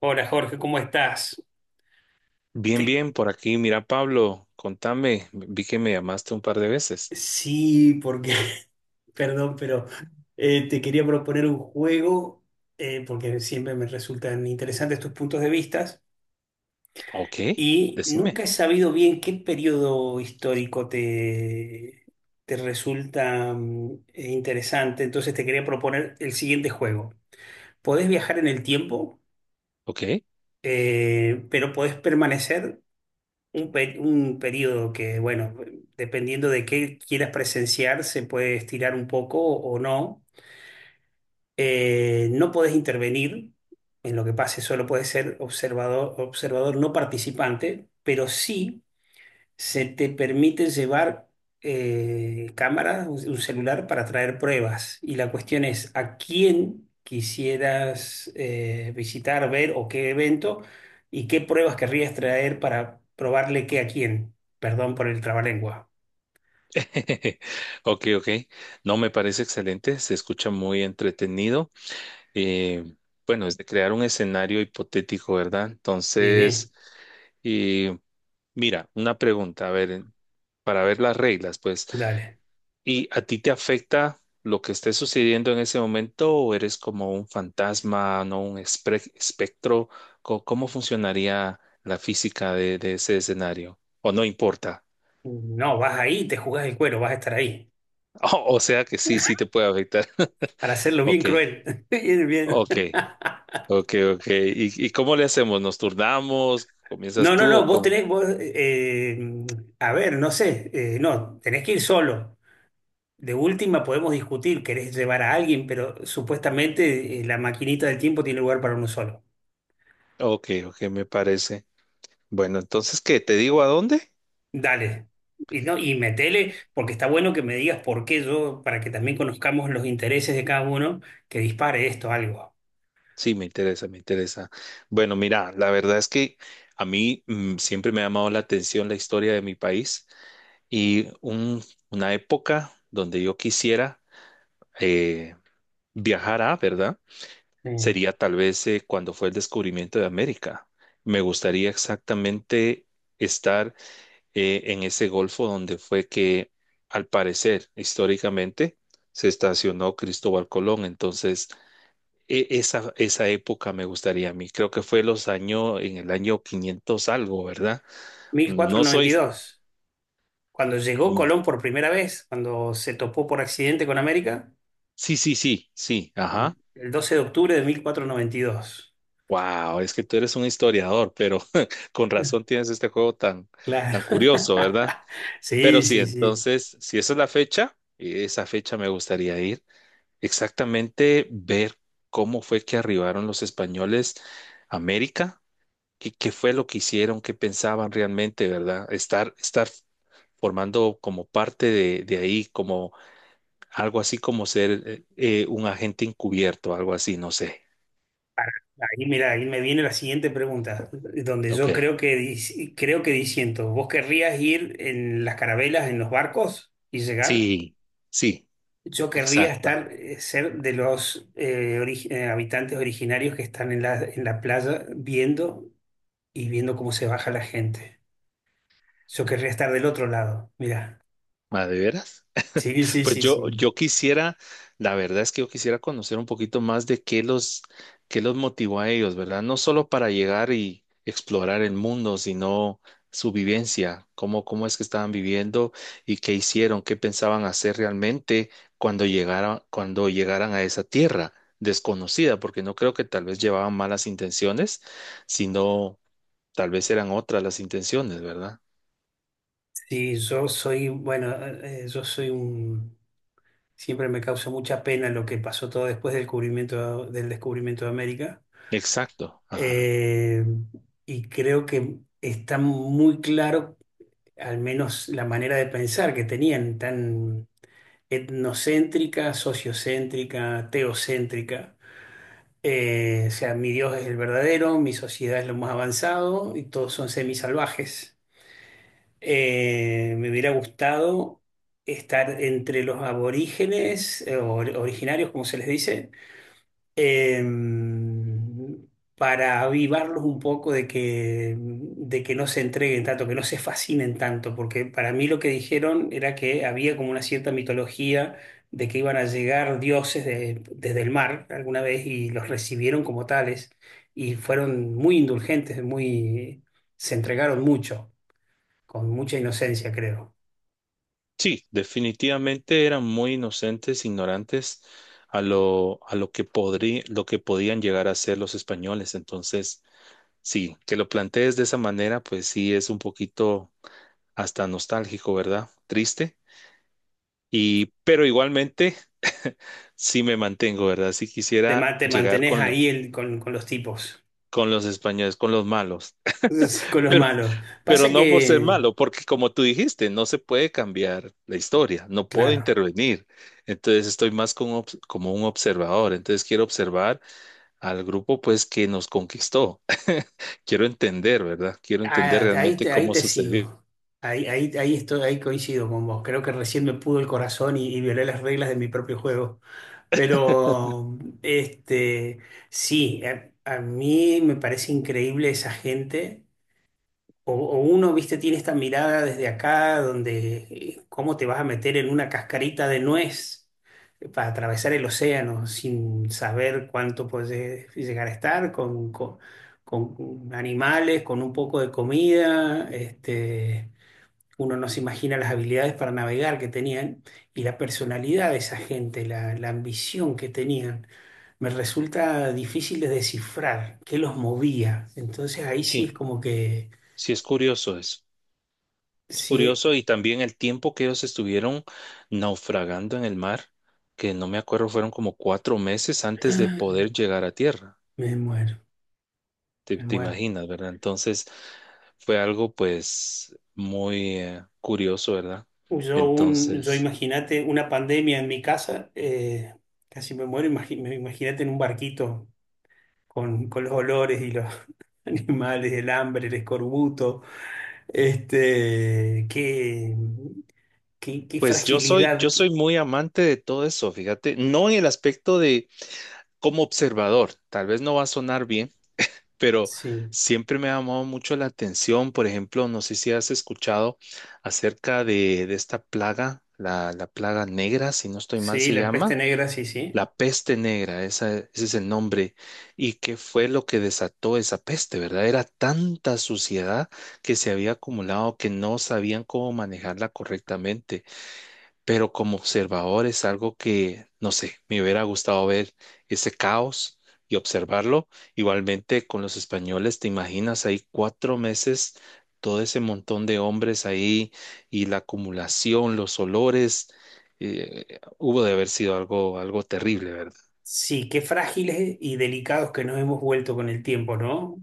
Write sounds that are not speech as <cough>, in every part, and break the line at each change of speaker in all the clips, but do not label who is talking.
Hola Jorge, ¿cómo estás?
Bien,
Te-
bien, por aquí. Mira, Pablo, contame. Vi que me llamaste un par de veces.
Sí, porque, <laughs> perdón, pero te quería proponer un juego, porque siempre me resultan interesantes tus puntos de vista,
Ok,
y
decime.
nunca he sabido bien qué periodo histórico te resulta interesante, entonces te quería proponer el siguiente juego. Podés viajar en el tiempo,
Ok,
pero podés permanecer un periodo que, bueno, dependiendo de qué quieras presenciar, se puede estirar un poco o no. No podés intervenir en lo que pase, solo puedes ser observador, observador no participante, pero sí se te permiten llevar cámaras, un celular para traer pruebas. Y la cuestión es, ¿a quién quisieras visitar, ver o qué evento y qué pruebas querrías traer para probarle qué a quién? Perdón por el trabalengua.
<laughs> ok, ok. No, me parece excelente. Se escucha muy entretenido. Eh, bueno, es de crear un escenario hipotético, ¿verdad?
Sí,
Entonces, y mira, una pregunta, a ver, para ver las reglas, pues.
dale.
¿Y a ti te afecta lo que esté sucediendo en ese momento o eres como un fantasma, no un espectro? ¿Cómo funcionaría la física de ese escenario? ¿O no importa? <laughs>
No, vas ahí, te jugás el cuero, vas a estar ahí.
O sea que sí, sí te puede afectar.
Para
<laughs>
hacerlo bien
Ok,
cruel. <laughs> Bien, bien.
ok, ok, ok. ¿Y cómo le hacemos? ¿Nos turnamos? ¿Comienzas
No, no,
tú o
no, vos
cómo?
tenés, vos, a ver, no sé, no, tenés que ir solo. De última podemos discutir, querés llevar a alguien, pero supuestamente la maquinita del tiempo tiene lugar para uno solo.
Ok, ok, me parece. Bueno, entonces, ¿qué? ¿Te digo a dónde?
Dale. Y, no, y metele, porque está bueno que me digas por qué yo, para que también conozcamos los intereses de cada uno, que dispare esto algo.
Sí, me interesa, me interesa. Bueno, mira, la verdad es que a mí siempre me ha llamado la atención la historia de mi país y una época donde yo quisiera eh, viajar a, ¿verdad?
Sí.
Sería tal vez cuando fue el descubrimiento de América. Me gustaría exactamente estar en ese golfo donde fue que, al parecer, históricamente, se estacionó Cristóbal Colón. Entonces, esa época me gustaría a mí. Creo que fue los años, en el año 500 algo, ¿verdad?
mil cuatrocientos
No
noventa
soy.
y dos. Cuando llegó
mm,
Colón por primera vez, cuando se topó por accidente con América,
Sí, sí, sí, sí,
el,
ajá.
el 12 de octubre de 1492.
Wow, es que tú eres un historiador, pero <laughs> con razón tienes este juego tan,
Claro.
curioso, ¿verdad?
<laughs>
Pero
Sí,
sí,
sí, sí.
entonces, si esa es la fecha, esa fecha me gustaría ir. Exactamente ver cómo fue que arribaron los españoles a América. ¿Qué fue lo que hicieron, qué pensaban realmente, ¿verdad? Estar formando como parte de ahí, como algo así como ser un agente encubierto, algo así, no sé.
Ahí, mira, ahí me viene la siguiente pregunta, donde
Ok.
yo creo que creo que diciendo, ¿vos querrías ir en las carabelas, en los barcos y llegar?
Sí, sí,
Yo querría
exacto.
estar, ser de los habitantes originarios que están en la playa viendo y viendo cómo se baja la gente. Yo querría estar del otro lado, mira.
Ah, ¿de veras?
Sí, sí,
Pues
sí,
yo,
sí.
yo quisiera, la verdad es que yo quisiera conocer un poquito más de qué los motivó a ellos, ¿verdad? No solo para llegar y explorar el mundo, sino su vivencia, cómo es que estaban viviendo y qué hicieron, qué pensaban hacer realmente cuando llegaran a esa tierra desconocida, porque no creo que tal vez llevaban malas intenciones, sino tal vez eran otras las intenciones, ¿verdad?
Sí, yo soy, bueno, yo soy un... Siempre me causa mucha pena lo que pasó todo después del descubrimiento de América.
Exacto. Ajá.
Eh, y creo que está muy claro, al menos la manera de pensar que tenían, tan etnocéntrica, sociocéntrica, teocéntrica. O sea, mi Dios es el verdadero, mi sociedad es lo más avanzado y todos son semisalvajes. Me hubiera gustado estar entre los aborígenes, or- originarios, como se les dice em, para avivarlos un poco de que no se entreguen tanto, que no se fascinen tanto, porque para mí lo que dijeron era que había como una cierta mitología de que iban a llegar dioses desde el mar alguna vez y los recibieron como tales y fueron muy indulgentes, muy, se entregaron mucho, con mucha inocencia, creo.
Sí, definitivamente eran muy inocentes, ignorantes a lo que podían llegar a ser los españoles. Entonces, sí, que lo plantees de esa manera, pues sí es un poquito hasta nostálgico, ¿verdad? Triste. Pero igualmente, <laughs> sí me mantengo, ¿verdad? Si
Te, ma-
quisiera
te
llegar
mantenés ahí con los tipos,
con los españoles, con los malos.
<laughs>
<laughs>
con los
pero.
malos.
Pero
Pasa
no por ser
que,
malo, porque como tú dijiste, no se puede cambiar la historia, no puedo
claro.
intervenir. Entonces estoy más como un observador. Entonces quiero observar al grupo pues que nos conquistó. <laughs> Quiero entender, ¿verdad? Quiero entender
Ah, ahí
realmente
te, ahí
cómo
te
sucedió.
sigo. Ahí estoy, ahí coincido con vos. Creo que recién me pudo el corazón y violé las reglas de mi propio juego. Pero, este, sí, a mí me parece increíble esa gente. O uno, viste, tiene esta mirada desde acá, donde cómo te vas a meter en una cascarita de nuez para atravesar el océano sin saber cuánto puedes llegar a estar, con animales, con un poco de comida. Uno no se imagina las habilidades para navegar que tenían y la personalidad de esa gente, la ambición que tenían. Me resulta difícil de descifrar qué los movía. Entonces ahí sí es
Sí,
como que...
sí es curioso eso. Es
si
curioso y también el tiempo que ellos estuvieron naufragando en el mar, que no me acuerdo, fueron como 4 meses antes de poder
<gasps>
llegar a tierra.
Me muero,
te,
me
te
muero.
imaginas, ¿verdad? Entonces fue algo pues muy curioso, ¿verdad?
Yo, un, yo
Entonces,
Imagínate una pandemia en mi casa, casi me muero. Imagínate en un barquito con los olores y los <laughs> animales, el hambre, el escorbuto. Este, qué, qué
pues yo soy,
fragilidad.
yo soy muy amante de todo eso, fíjate, no en el aspecto de como observador, tal vez no va a sonar bien, pero
Sí,
siempre me ha llamado mucho la atención, por ejemplo, no sé si has escuchado acerca de esta plaga, la plaga negra, si no estoy mal
sí,
se
la peste
llama.
negra, sí, sí.
La peste negra, ese es el nombre. ¿Y qué fue lo que desató esa peste, verdad? Era tanta suciedad que se había acumulado que no sabían cómo manejarla correctamente. Pero como observador es algo que, no sé, me hubiera gustado ver ese caos y observarlo. Igualmente con los españoles, ¿te imaginas ahí 4 meses? Todo ese montón de hombres ahí y la acumulación, los olores, hubo de haber sido algo, algo terrible, ¿verdad?
Sí, qué frágiles y delicados que nos hemos vuelto con el tiempo, ¿no?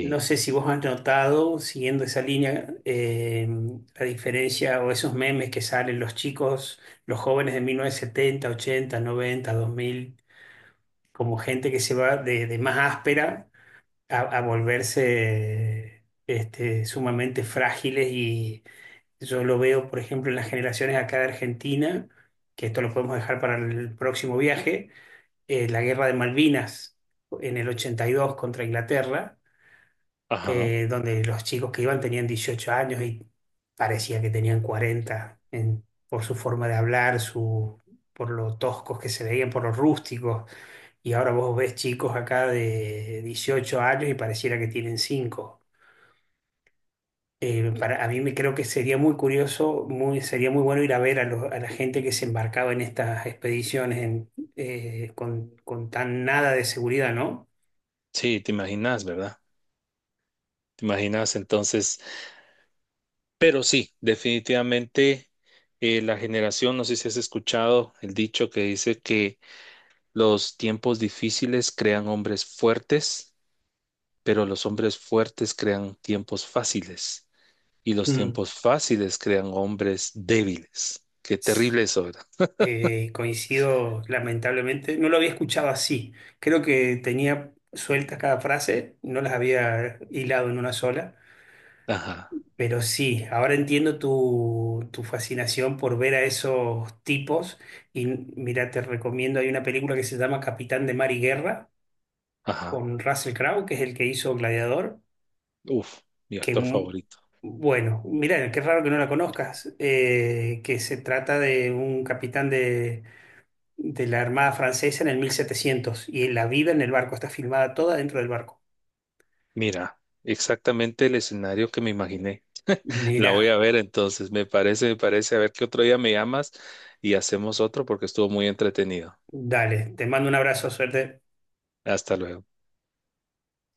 No sé si vos has notado, siguiendo esa línea, la diferencia o esos memes que salen los chicos, los jóvenes de 1970, 80, 90, 2000, como gente que se va de más áspera a volverse sumamente frágiles. Y yo lo veo, por ejemplo, en las generaciones acá de Argentina, que esto lo podemos dejar para el próximo viaje, la guerra de Malvinas en el 82 contra Inglaterra
ajá,
donde los chicos que iban tenían 18 años y parecía que tenían 40 por su forma de hablar, por lo toscos que se veían, por los rústicos. Y ahora vos ves chicos acá de 18 años y pareciera que tienen cinco. Para, a mí me creo que sería muy curioso, muy, sería muy bueno ir a ver a, a la gente que se embarcaba en estas expediciones en, con tan nada de seguridad, ¿no?
sí, te, imaginas, ¿verdad? Te imaginas entonces, pero sí, definitivamente la generación, no sé si has escuchado el dicho que dice que los tiempos difíciles crean hombres fuertes, pero los hombres fuertes crean tiempos fáciles y los
Mm.
tiempos fáciles crean hombres débiles. Qué terrible eso, ¿verdad?
Coincido, lamentablemente. No lo había escuchado así. Creo que tenía sueltas cada frase, no las había hilado en una sola.
Ajá,
Pero sí, ahora entiendo tu, fascinación por ver a esos tipos. Y mira, te recomiendo, hay una película que se llama Capitán de Mar y Guerra,
ajá,
con Russell Crowe, que es el que hizo Gladiador,
uf, mi
que,
actor favorito.
bueno, mira, qué raro que no la conozcas, que se trata de un capitán de la Armada Francesa en el 1700 y la vida en el barco está filmada toda dentro del barco.
Mira, exactamente el escenario que me imaginé. La voy a
Mira,
ver entonces, me parece, me parece. A ver qué otro día me llamas y hacemos otro porque estuvo muy entretenido.
dale, te mando un abrazo, suerte.
Hasta luego.